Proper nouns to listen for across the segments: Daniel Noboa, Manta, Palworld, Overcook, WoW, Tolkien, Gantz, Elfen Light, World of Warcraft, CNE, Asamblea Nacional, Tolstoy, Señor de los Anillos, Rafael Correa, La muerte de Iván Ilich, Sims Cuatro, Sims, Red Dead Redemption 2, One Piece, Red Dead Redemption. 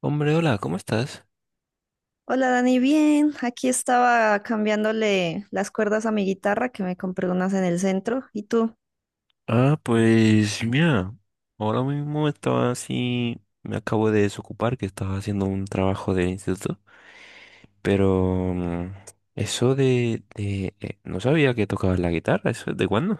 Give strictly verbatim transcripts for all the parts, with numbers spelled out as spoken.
Hombre, hola, ¿cómo estás? Hola Dani, bien. Aquí estaba cambiándole las cuerdas a mi guitarra que me compré unas en el centro. ¿Y tú? Ah, pues mira, ahora mismo estaba así, me acabo de desocupar que estaba haciendo un trabajo del instituto, pero mm, eso de, de eh, no sabía que tocabas la guitarra, ¿eso es de cuándo?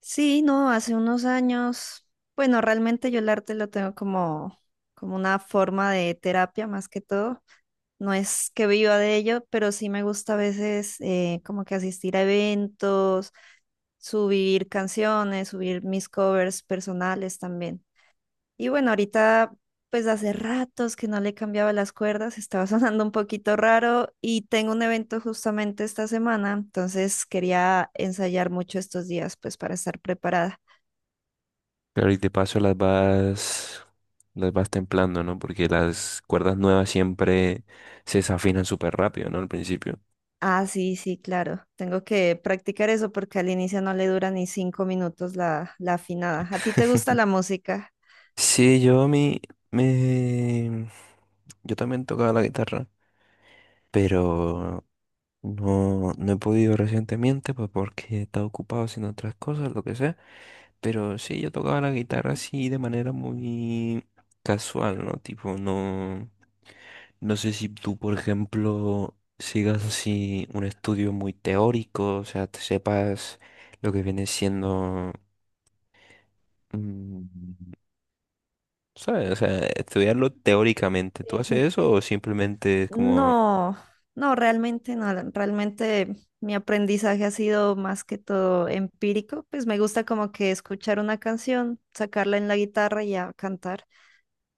Sí, no, hace unos años. Bueno, realmente yo el arte lo tengo como, como una forma de terapia más que todo. No es que viva de ello, pero sí me gusta a veces eh, como que asistir a eventos, subir canciones, subir mis covers personales también. Y bueno, ahorita, pues hace ratos que no le cambiaba las cuerdas, estaba sonando un poquito raro y tengo un evento justamente esta semana, entonces quería ensayar mucho estos días, pues para estar preparada. Claro, y de paso las vas, las vas templando, ¿no? Porque las cuerdas nuevas siempre se desafinan súper rápido, ¿no? Al principio. Ah, sí, sí, claro, tengo que practicar eso porque al inicio no le dura ni cinco minutos la, la afinada. ¿A ti te gusta la música? Sí, yo a mí me... yo también tocaba la guitarra, pero... no, no he podido recientemente, pues porque he estado ocupado haciendo otras cosas, lo que sea. Pero sí, yo tocaba la guitarra así de manera muy casual, ¿no? Tipo, no, no sé si tú, por ejemplo, sigas así un estudio muy teórico, o sea, te sepas lo que viene siendo, mm, ¿sabes? O sea, estudiarlo teóricamente. ¿Tú Sí. haces eso o simplemente es como? No, no, realmente no. Realmente mi aprendizaje ha sido más que todo empírico. Pues me gusta como que escuchar una canción, sacarla en la guitarra y a cantar.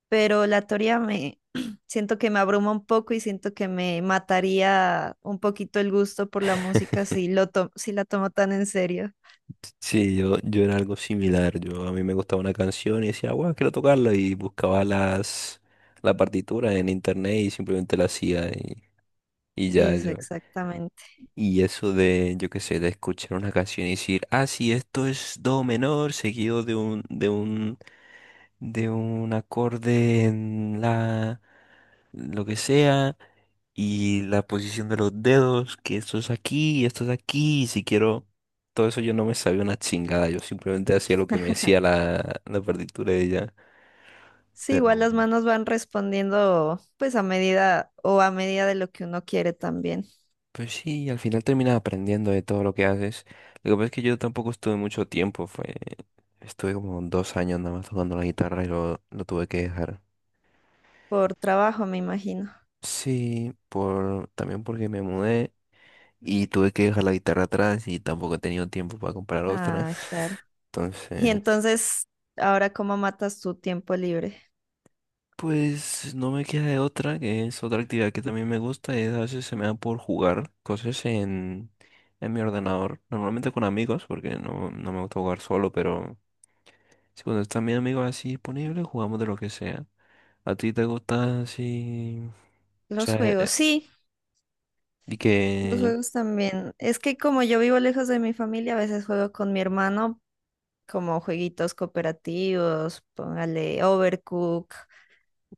Pero la teoría me siento que me abruma un poco y siento que me mataría un poquito el gusto por la música si lo to- si la tomo tan en serio. Sí, yo, yo era algo similar. Yo a mí me gustaba una canción y decía, wow, quiero tocarla. Y buscaba las la partitura en internet y simplemente la hacía y, y ya Eso, yo. exactamente. Y eso de, yo qué sé, de escuchar una canción y decir, ah, sí, esto es do menor, seguido de un, de un, de un acorde en la lo que sea, y la posición de los dedos, que esto es aquí, esto es aquí, y si quiero, todo eso yo no me sabía una chingada, yo simplemente hacía lo que me decía la, la partitura de ella. Sí, Pero igual las bueno, manos van respondiendo pues a medida o a medida de lo que uno quiere también, pues sí, al final terminas aprendiendo de todo lo que haces. Lo que pasa es que yo tampoco estuve mucho tiempo, fue, estuve como dos años nada más tocando la guitarra y lo, lo tuve que dejar. por trabajo, me imagino. Sí, por, también porque me mudé y tuve que dejar la guitarra atrás y tampoco he tenido tiempo para comprar otra. Ah, claro. Y Entonces. entonces, ¿ahora cómo matas tu tiempo libre? Pues no me queda de otra, que es otra actividad que también me gusta, y a veces se me da por jugar cosas en, en mi ordenador, normalmente con amigos, porque no, no me gusta jugar solo, pero si cuando están mis amigos así disponibles, jugamos de lo que sea. ¿A ti te gusta así? O Los sea, juegos, eh, sí, y los que. juegos también. Es que como yo vivo lejos de mi familia, a veces juego con mi hermano como jueguitos cooperativos, póngale Overcook.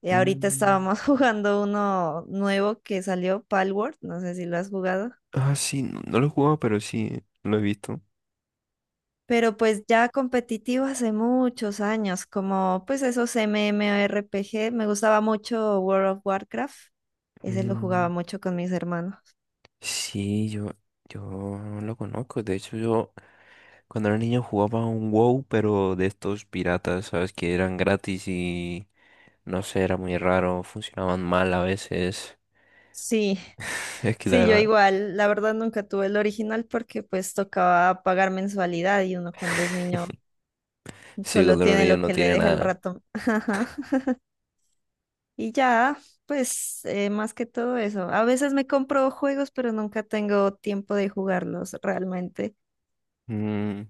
Y ahorita mm, estábamos jugando uno nuevo que salió, Palworld, no sé si lo has jugado. ah, sí, no, no lo he jugado, pero sí, lo he visto. Pero pues ya competitivo hace muchos años, como pues esos MMORPG, me gustaba mucho World of Warcraft, ese lo jugaba Mm, mucho con mis hermanos. sí, yo, yo lo conozco, de hecho yo. Cuando era niño jugaba un WoW, pero de estos piratas, ¿sabes? Que eran gratis y no sé, era muy raro, funcionaban mal a veces. Sí, Es que la sí, yo verdad, igual, la verdad nunca tuve el original porque pues tocaba pagar mensualidad y uno cuando es niño sí, solo cuando era tiene niño lo no que le tiene deja el nada. ratón. Ajá. Y ya, pues eh, más que todo eso, a veces me compro juegos pero nunca tengo tiempo de jugarlos realmente. Mm,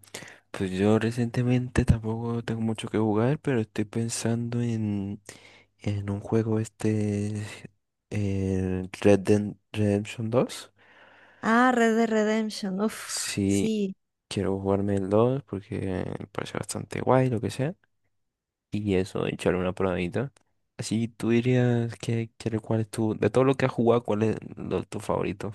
pues yo recientemente tampoco tengo mucho que jugar, pero estoy pensando en, en un juego este, el Red Dead Redemption dos. Ah, Red Dead Redemption, uff, Sí, sí. quiero jugarme el dos porque me parece bastante guay, lo que sea. Y eso, echarle una probadita. Así tú dirías que, que- cuál es tu, de todo lo que has jugado, cuál es lo- tu favorito.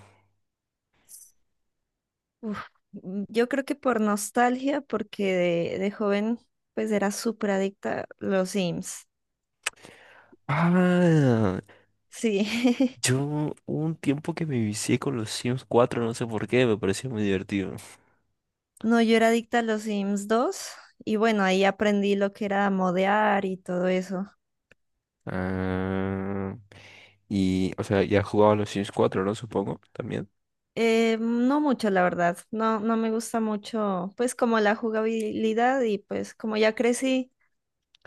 Uf, mm, yo creo que por nostalgia, porque de, de joven pues era súper adicta a los Sims. Ah, Sí, yo hubo un tiempo que me vicié con los Sims cuatro, no sé por qué, me pareció muy divertido. no, yo era adicta a los Sims dos y bueno, ahí aprendí lo que era modear y todo eso. Ah, y, o sea, ya has jugado a los Sims cuatro, ¿no? Supongo, también. Eh, no mucho, la verdad, no, no me gusta mucho pues como la jugabilidad y pues como ya crecí,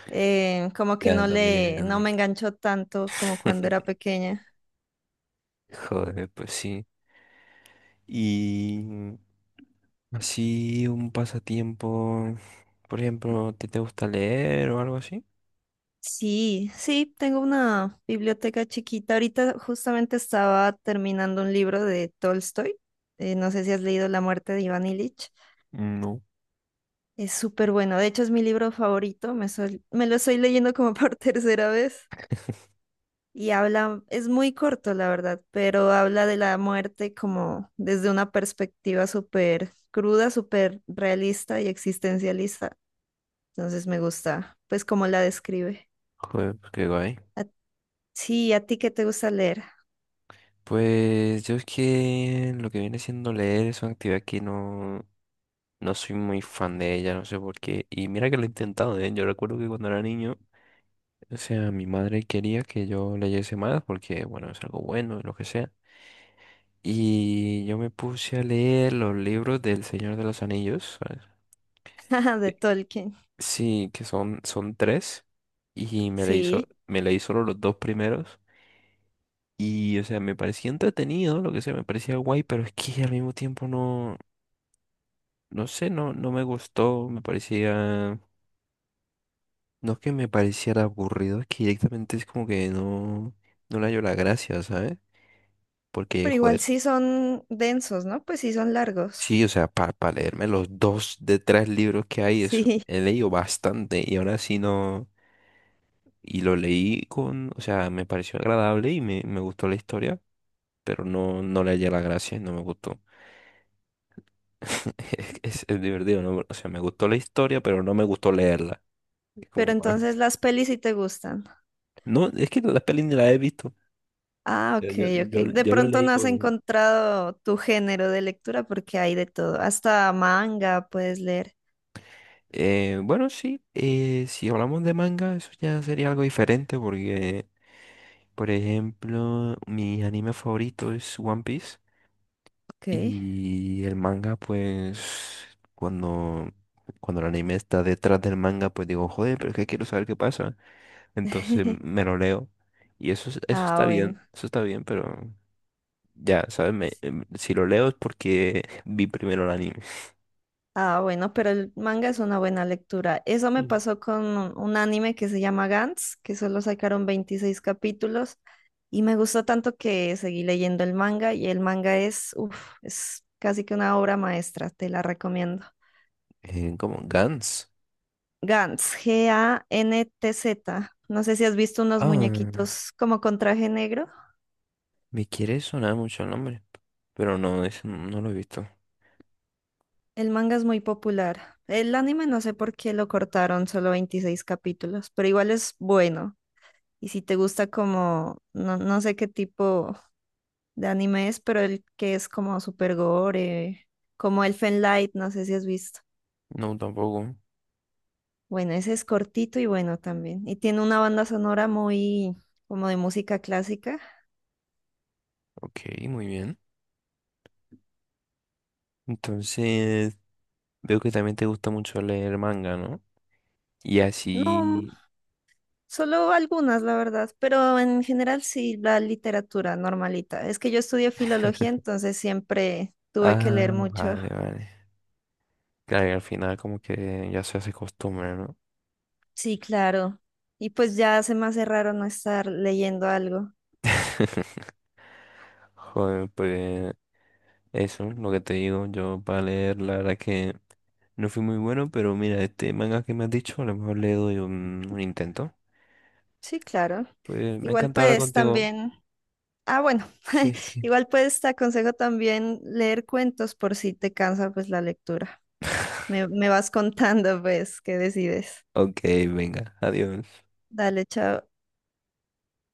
eh, como que Ya no le, no también. me enganchó tanto como cuando era pequeña. Joder, pues sí. Y así un pasatiempo, por ejemplo, ¿te, te gusta leer o algo así? Sí, sí, tengo una biblioteca chiquita. Ahorita justamente estaba terminando un libro de Tolstoy. Eh, no sé si has leído La muerte de Iván Ilich. No. Es súper bueno. De hecho, es mi libro favorito. Me, sol- me lo estoy leyendo como por tercera vez. Y habla, es muy corto, la verdad, pero habla de la muerte como desde una perspectiva súper cruda, súper realista y existencialista. Entonces me gusta, pues, cómo la describe. Joder, pues qué guay. A- sí, ¿a ti qué te gusta leer? Pues yo es que lo que viene siendo leer es una actividad que no, no soy muy fan de ella, no sé por qué. Y mira que lo he intentado, ¿eh? Yo recuerdo que cuando era niño, o sea, mi madre quería que yo leyese más porque, bueno, es algo bueno y lo que sea. Y yo me puse a leer los libros del Señor de los Anillos, ¿sabes? De Eh, Tolkien. Sí, que son, son tres. Y me leí, so- Sí, me leí solo los dos primeros. Y, o sea, me parecía entretenido, lo que sea, me parecía guay, pero es que al mismo tiempo no, no sé, no, no me gustó, me parecía, no es que me pareciera aburrido, es que directamente es como que no, no le hallo la gracia, ¿sabes? Porque, pero igual joder, sí son densos, ¿no? Pues sí son largos. sí, o sea, para leerme los dos de tres libros que hay, es, Sí, he leído bastante y ahora sí no, y lo leí con, o sea, me pareció agradable y me, me gustó la historia, pero no, no le hallé la gracia, no me gustó. Es, es divertido, ¿no? O sea, me gustó la historia, pero no me gustó leerla. Es pero como, ah, entonces las pelis sí te gustan. no, es que la peli ni la he visto. Ah, Yo, ok, yo, ok. yo, De yo lo pronto leí no has por. encontrado tu género de lectura porque hay de todo. Hasta manga puedes leer. Eh, bueno, sí, eh, si hablamos de manga, eso ya sería algo diferente porque, por ejemplo, mi anime favorito es One Piece Ok. y el manga, pues, cuando, cuando el anime está detrás del manga, pues digo, joder, pero es que quiero saber qué pasa. Entonces me lo leo. Y eso, es- eso está Ah, bien, bueno. eso está bien, pero ya, ¿sabes? Me- em, si lo leo es porque vi primero el anime. Ah, bueno, pero el manga es una buena lectura. Eso me Sí. pasó con un un anime que se llama Gantz, que solo sacaron veintiséis capítulos y me gustó tanto que seguí leyendo el manga y el manga es, uf, es casi que una obra maestra, te la recomiendo. Eh, como Gans. Gantz, G A N T Z. No sé si has visto unos Ah, muñequitos como con traje negro. me quiere sonar mucho el nombre. Pero no, es, no no lo he visto. El manga es muy popular. El anime no sé por qué lo cortaron, solo veintiséis capítulos, pero igual es bueno. Y si te gusta como, no, no sé qué tipo de anime es, pero el que es como super gore, como Elfen Light, no sé si has visto. No, tampoco. Bueno, ese es cortito y bueno también. Y tiene una banda sonora muy como de música clásica. Ok, muy bien. Entonces, veo que también te gusta mucho leer manga, ¿no? Y No, así. solo algunas, la verdad, pero en general sí la literatura normalita. Es que yo estudié filología, entonces siempre tuve que leer Ah, mucho. vale, vale. Claro, y al final como que ya se hace costumbre, ¿no? Sí, claro. Y pues ya se me hace raro no estar leyendo algo. Joder, pues. Eso, lo que te digo, yo para leer, la verdad que no fui muy bueno, pero mira, este manga que me has dicho, a lo mejor le doy un, un intento. Sí, claro. Pues me Igual encanta hablar pues contigo. también, ah bueno, Sí, es que. igual pues te aconsejo también leer cuentos por si te cansa pues la lectura. Me, me vas contando pues qué decides. Ok, venga, adiós. Dale, chao.